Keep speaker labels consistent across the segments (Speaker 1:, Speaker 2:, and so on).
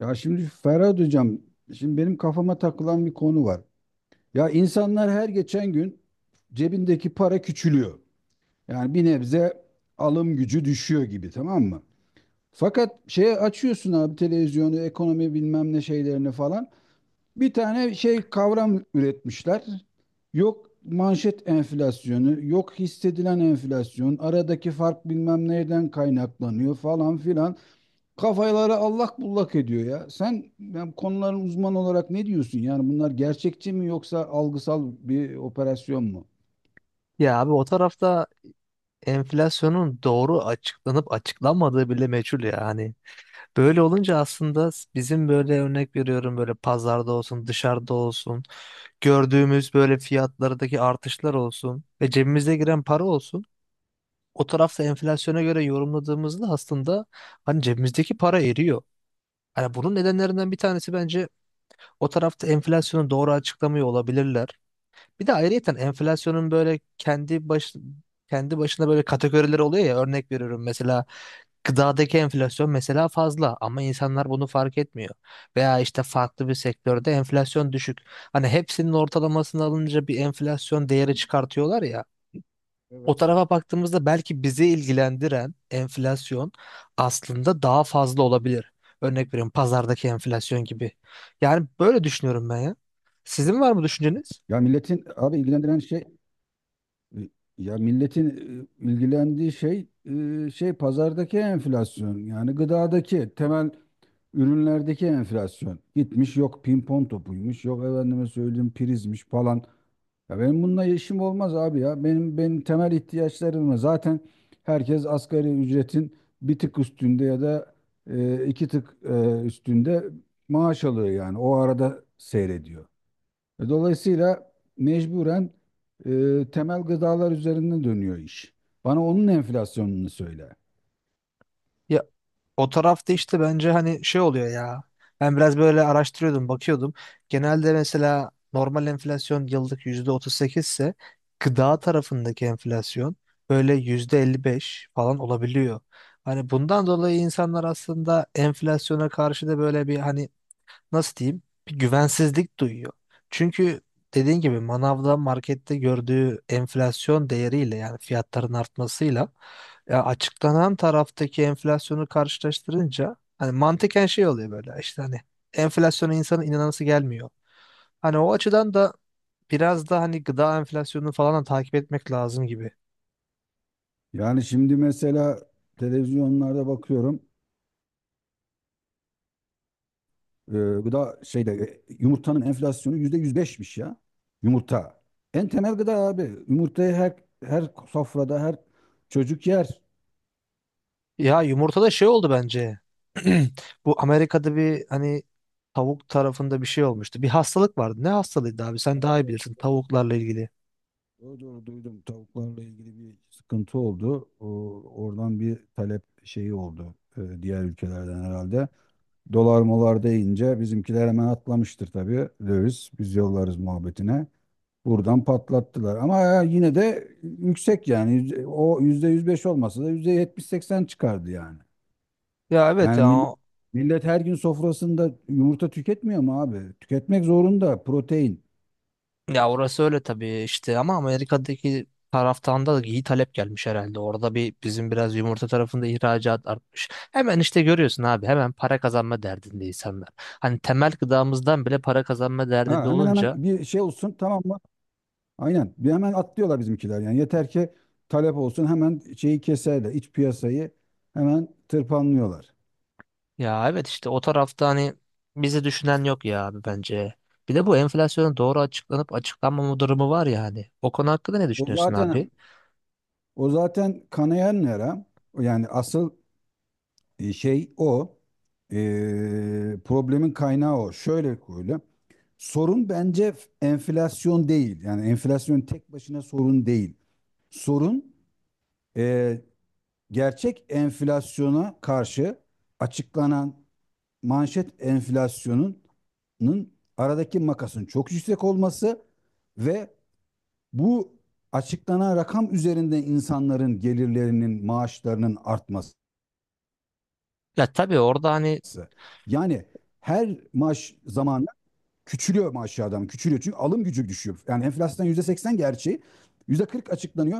Speaker 1: Ya şimdi Ferhat Hocam, şimdi benim kafama takılan bir konu var. Ya insanlar her geçen gün cebindeki para küçülüyor. Yani bir nebze alım gücü düşüyor gibi tamam mı? Fakat şeye açıyorsun abi televizyonu, ekonomi bilmem ne şeylerini falan. Bir tane şey kavram üretmişler. Yok manşet enflasyonu, yok hissedilen enflasyon, aradaki fark bilmem nereden kaynaklanıyor falan filan. Kafaları allak bullak ediyor ya. Sen yani konuların uzmanı olarak ne diyorsun? Yani bunlar gerçekçi mi yoksa algısal bir operasyon mu?
Speaker 2: Ya abi o tarafta enflasyonun doğru açıklanıp açıklanmadığı bile meçhul ya. Hani böyle olunca aslında bizim, böyle örnek veriyorum, böyle pazarda olsun dışarıda olsun gördüğümüz böyle fiyatlardaki artışlar olsun ve cebimize giren para olsun. O tarafta enflasyona göre yorumladığımızda aslında hani cebimizdeki para eriyor. Hani bunun nedenlerinden bir tanesi bence o tarafta enflasyonu doğru açıklamıyor olabilirler. Bir de ayrıyeten enflasyonun böyle kendi başına böyle kategorileri oluyor ya, örnek veriyorum, mesela gıdadaki enflasyon mesela fazla ama insanlar bunu fark etmiyor. Veya işte farklı bir sektörde enflasyon düşük. Hani hepsinin ortalamasını alınca bir enflasyon değeri çıkartıyorlar ya. O
Speaker 1: Evet.
Speaker 2: tarafa baktığımızda belki bizi ilgilendiren enflasyon aslında daha fazla olabilir. Örnek veriyorum, pazardaki enflasyon gibi. Yani böyle düşünüyorum ben ya. Sizin var mı düşünceniz?
Speaker 1: Ya milletin abi ilgilendiren şey e, ya milletin ilgilendiği şey şey pazardaki enflasyon, yani gıdadaki temel ürünlerdeki enflasyon gitmiş, yok pimpon topuymuş, yok efendime söyleyeyim prizmiş falan. Ya benim bununla işim olmaz abi ya. Benim temel ihtiyaçlarım zaten, herkes asgari ücretin bir tık üstünde ya da iki tık üstünde maaş alıyor yani. O arada seyrediyor. Dolayısıyla mecburen temel gıdalar üzerinde dönüyor iş. Bana onun enflasyonunu söyle.
Speaker 2: Ya. O tarafta işte bence hani şey oluyor ya. Ben biraz böyle araştırıyordum, bakıyordum. Genelde mesela normal enflasyon yıllık %38 ise gıda tarafındaki enflasyon böyle %55 falan olabiliyor. Hani bundan dolayı insanlar aslında enflasyona karşı da böyle bir, hani nasıl diyeyim, bir güvensizlik duyuyor. Çünkü dediğin gibi manavda markette gördüğü enflasyon değeriyle, yani fiyatların artmasıyla, ya açıklanan taraftaki enflasyonu karşılaştırınca hani mantıken şey oluyor, böyle işte hani enflasyona insanın inanası gelmiyor. Hani o açıdan da biraz da hani gıda enflasyonunu falan da takip etmek lazım gibi.
Speaker 1: Yani şimdi mesela televizyonlarda bakıyorum. e, Gıda şeyde yumurtanın enflasyonu %105'miş ya. Yumurta. En temel gıda abi. Yumurtayı her sofrada her çocuk yer.
Speaker 2: Ya yumurtada şey oldu bence. Bu Amerika'da bir hani tavuk tarafında bir şey olmuştu. Bir hastalık vardı. Ne hastalığıydı abi? Sen daha iyi
Speaker 1: Evet,
Speaker 2: bilirsin
Speaker 1: doğru.
Speaker 2: tavuklarla ilgili.
Speaker 1: Doğru doğru duydum. Tavuklarla ilgili bir sıkıntı oldu. Oradan bir talep şeyi oldu diğer ülkelerden herhalde. Dolar molar deyince bizimkiler hemen atlamıştır tabii. Döviz biz yollarız muhabbetine. Buradan patlattılar. Ama ya yine de yüksek yani. O %105 olmasa da %70-80 çıkardı yani.
Speaker 2: Ya evet
Speaker 1: Yani
Speaker 2: ya.
Speaker 1: millet, millet her gün sofrasında yumurta tüketmiyor mu abi? Tüketmek zorunda, protein.
Speaker 2: Ya orası öyle tabii işte ama Amerika'daki taraftan da iyi talep gelmiş herhalde. Orada bir bizim biraz yumurta tarafında ihracat artmış. Hemen işte görüyorsun abi, hemen para kazanma derdindeyiz insanlar. Hani temel gıdamızdan bile para kazanma derdinde
Speaker 1: Ha, hemen hemen
Speaker 2: olunca
Speaker 1: bir şey olsun tamam mı? Aynen. Bir hemen atlıyorlar bizimkiler. Yani yeter ki talep olsun, hemen şeyi keserler. İç piyasayı hemen tırpanlıyorlar.
Speaker 2: ya evet, işte o tarafta hani bizi düşünen yok ya abi bence. Bir de bu enflasyonun doğru açıklanıp açıklanmama durumu var ya hani. O konu hakkında ne
Speaker 1: O
Speaker 2: düşünüyorsun abi?
Speaker 1: zaten O zaten kanayan yara. Yani asıl şey o. Problemin kaynağı o. Şöyle koyayım. Sorun bence enflasyon değil. Yani enflasyon tek başına sorun değil. Sorun e, gerçek enflasyona karşı açıklanan manşet enflasyonunun, aradaki makasın çok yüksek olması ve bu açıklanan rakam üzerinde insanların gelirlerinin, maaşlarının artması.
Speaker 2: Ya tabii orada hani
Speaker 1: Yani her maaş zamanı küçülüyor maaşı adam, küçülüyor. Çünkü alım gücü düşüyor. Yani enflasyon %80 gerçeği, %40 açıklanıyor.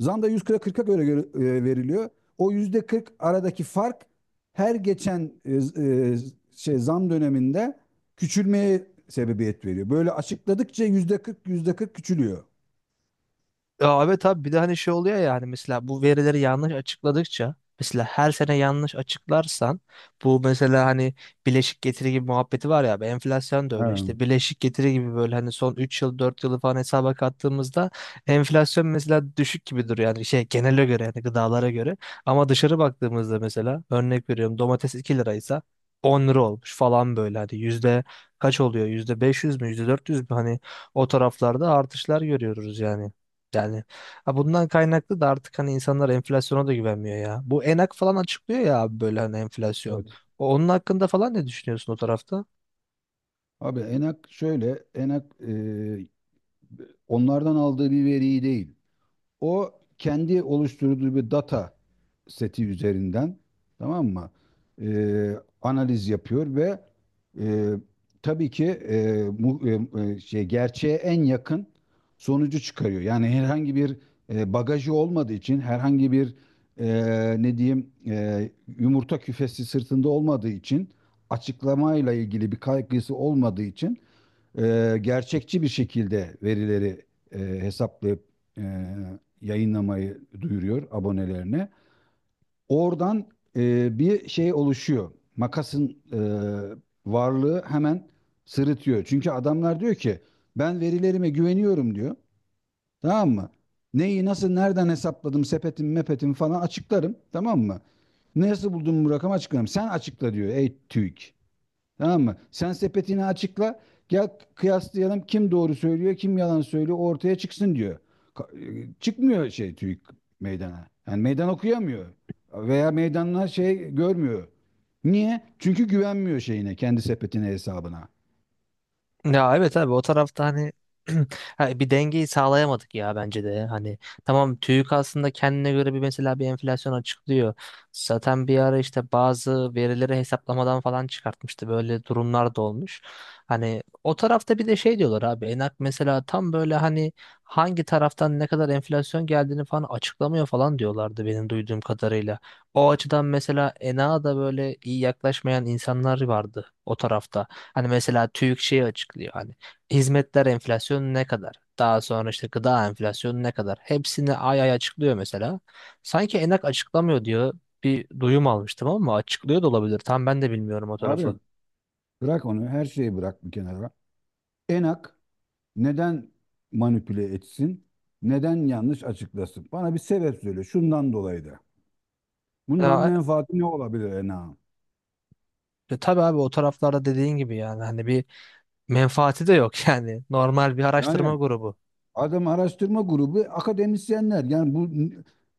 Speaker 1: Zam da %40'a göre veriliyor. O %40 aradaki fark her geçen zam döneminde küçülmeye sebebiyet veriyor. Böyle açıkladıkça %40, %40 küçülüyor.
Speaker 2: ya evet abi, bir de hani şey oluyor yani, mesela bu verileri yanlış açıkladıkça, mesela her sene yanlış açıklarsan bu mesela hani bileşik getiri gibi muhabbeti var ya abi, enflasyon da
Speaker 1: Ha,
Speaker 2: öyle işte, bileşik getiri gibi böyle, hani son 3 yıl 4 yılı falan hesaba kattığımızda enflasyon mesela düşük gibi duruyor yani, şey genele göre, yani gıdalara göre. Ama dışarı baktığımızda mesela, örnek veriyorum, domates 2 liraysa 10 lira olmuş falan, böyle hani yüzde kaç oluyor, %500 mü, %400 mü, hani o taraflarda artışlar görüyoruz yani. Yani ha, bundan kaynaklı da artık hani insanlar enflasyona da güvenmiyor ya. Bu Enak falan açıklıyor ya abi, böyle hani enflasyon.
Speaker 1: evet.
Speaker 2: Onun hakkında falan ne düşünüyorsun o tarafta?
Speaker 1: Abi Enak şöyle, Enak onlardan aldığı bir veriyi değil. O, kendi oluşturduğu bir data seti üzerinden, tamam mı, E, analiz yapıyor ve e, tabii ki şey, gerçeğe en yakın sonucu çıkarıyor. Yani herhangi bir bagajı olmadığı için, herhangi bir ne diyeyim, yumurta küfesi sırtında olmadığı için, açıklamayla ilgili bir kaygısı olmadığı için gerçekçi bir şekilde verileri hesaplayıp e, yayınlamayı duyuruyor abonelerine. Oradan bir şey oluşuyor. Makasın varlığı hemen sırıtıyor. Çünkü adamlar diyor ki, ben verilerime güveniyorum diyor. Tamam mı? Neyi nasıl nereden hesapladım, sepetim mepetim falan açıklarım. Tamam mı? Nasıl buldum bu rakamı açıklarım. Sen açıkla diyor ey TÜİK. Tamam mı? Sen sepetini açıkla. Gel kıyaslayalım, kim doğru söylüyor, kim yalan söylüyor ortaya çıksın diyor. Çıkmıyor şey TÜİK meydana. Yani meydan okuyamıyor. Veya meydanlar şey görmüyor. Niye? Çünkü güvenmiyor şeyine, kendi sepetine, hesabına.
Speaker 2: Ya evet abi, o tarafta hani ha, bir dengeyi sağlayamadık ya bence de. Hani tamam, TÜİK aslında kendine göre bir, mesela bir enflasyon açıklıyor. Zaten bir ara işte bazı verileri hesaplamadan falan çıkartmıştı. Böyle durumlar da olmuş. Hani o tarafta bir de şey diyorlar abi, Enak mesela tam böyle hani hangi taraftan ne kadar enflasyon geldiğini falan açıklamıyor falan diyorlardı benim duyduğum kadarıyla. O açıdan mesela Enak'a da böyle iyi yaklaşmayan insanlar vardı o tarafta. Hani mesela TÜİK şeyi açıklıyor, hani hizmetler enflasyonu ne kadar? Daha sonra işte gıda enflasyonu ne kadar? Hepsini ay ay açıklıyor mesela. Sanki Enak açıklamıyor diyor. Bir duyum almıştım ama açıklıyor da olabilir. Tam ben de bilmiyorum o
Speaker 1: Abi
Speaker 2: tarafı.
Speaker 1: bırak onu, her şeyi bırak bir kenara. Enak neden manipüle etsin? Neden yanlış açıklasın? Bana bir sebep söyle. Şundan dolayı da. Bundan
Speaker 2: Ya,
Speaker 1: menfaati ne olabilir Enak'ın?
Speaker 2: tabii abi, o taraflarda dediğin gibi yani hani bir menfaati de yok yani. Normal bir araştırma
Speaker 1: Yani
Speaker 2: grubu.
Speaker 1: adam araştırma grubu, akademisyenler. Yani bu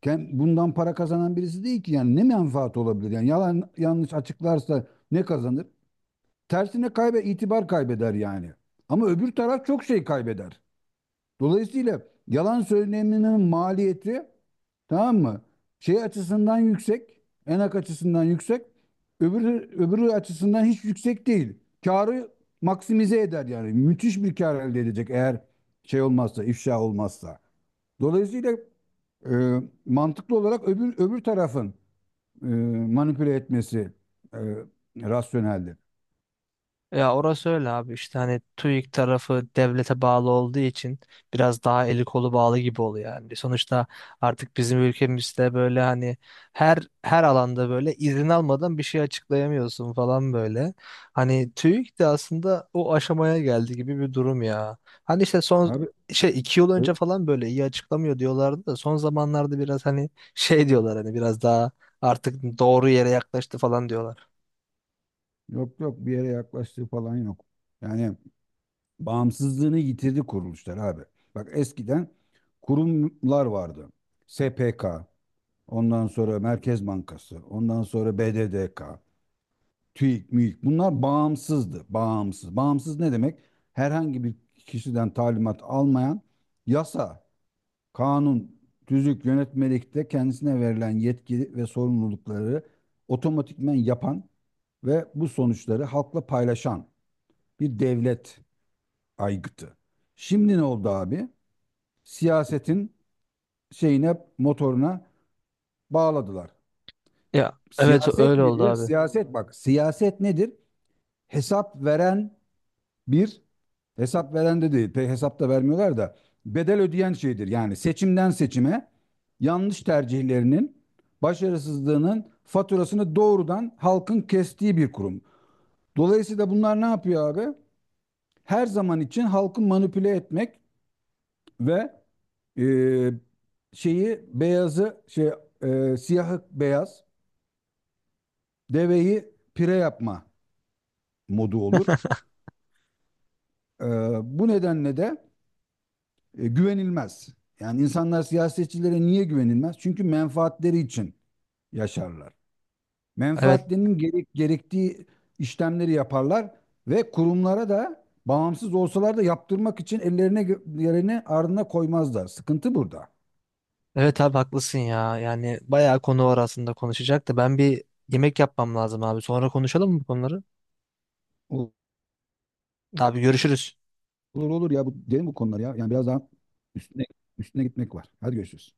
Speaker 1: bundan para kazanan birisi değil ki. Yani ne menfaat olabilir? Yani yalan yanlış açıklarsa ne kazanır? Tersine itibar kaybeder yani. Ama öbür taraf çok şey kaybeder. Dolayısıyla yalan söyleminin maliyeti, tamam mı, şey açısından yüksek, enak açısından yüksek, öbürü açısından hiç yüksek değil. Karı maksimize eder yani. Müthiş bir kar elde edecek, eğer şey olmazsa, ifşa olmazsa. Dolayısıyla mantıklı olarak öbür tarafın e, manipüle etmesi e, rasyoneldir.
Speaker 2: Ya orası öyle abi, işte hani TÜİK tarafı devlete bağlı olduğu için biraz daha eli kolu bağlı gibi oluyor yani. Sonuçta artık bizim ülkemizde böyle hani her alanda böyle izin almadan bir şey açıklayamıyorsun falan böyle. Hani TÜİK de aslında o aşamaya geldi gibi bir durum ya. Hani işte son
Speaker 1: Abi
Speaker 2: şey, 2 yıl önce
Speaker 1: ö-
Speaker 2: falan böyle iyi açıklamıyor diyorlardı da son zamanlarda biraz hani şey diyorlar, hani biraz daha artık doğru yere yaklaştı falan diyorlar.
Speaker 1: yok yok, bir yere yaklaştığı falan yok. Yani bağımsızlığını yitirdi kuruluşlar abi. Bak eskiden kurumlar vardı. SPK, ondan sonra Merkez Bankası, ondan sonra BDDK, TÜİK, MÜİK. Bunlar bağımsızdı. Bağımsız. Bağımsız ne demek? Herhangi bir kişiden talimat almayan, yasa, kanun, tüzük, yönetmelikte kendisine verilen yetki ve sorumlulukları otomatikmen yapan ve bu sonuçları halkla paylaşan bir devlet aygıtı. Şimdi ne oldu abi? Siyasetin şeyine, motoruna bağladılar.
Speaker 2: Ya evet
Speaker 1: Siyaset
Speaker 2: öyle oldu
Speaker 1: nedir?
Speaker 2: abi.
Speaker 1: Siyaset, bak siyaset nedir? Hesap veren bir, hesap veren de değil pek, hesap da vermiyorlar da, bedel ödeyen şeydir. Yani seçimden seçime yanlış tercihlerinin, başarısızlığının faturasını doğrudan halkın kestiği bir kurum. Dolayısıyla bunlar ne yapıyor abi? Her zaman için halkı manipüle etmek ve Ee, şeyi beyazı, siyahı beyaz, deveyi pire yapma modu olur. Ee, Bu nedenle de güvenilmez. Yani insanlar siyasetçilere niye güvenilmez? Çünkü menfaatleri için yaşarlar.
Speaker 2: Evet.
Speaker 1: Menfaatlerinin gerektiği işlemleri yaparlar ve kurumlara da, bağımsız olsalar da, yaptırmak için ellerine yerine ardına koymazlar. Sıkıntı burada.
Speaker 2: Evet abi, haklısın ya. Yani bayağı konu var aslında konuşacak da ben bir yemek yapmam lazım abi. Sonra konuşalım mı bu konuları? Abi görüşürüz.
Speaker 1: Olur olur ya, bu derin bu konular ya. Yani biraz daha üstüne üstüne gitmek var. Hadi görüşürüz.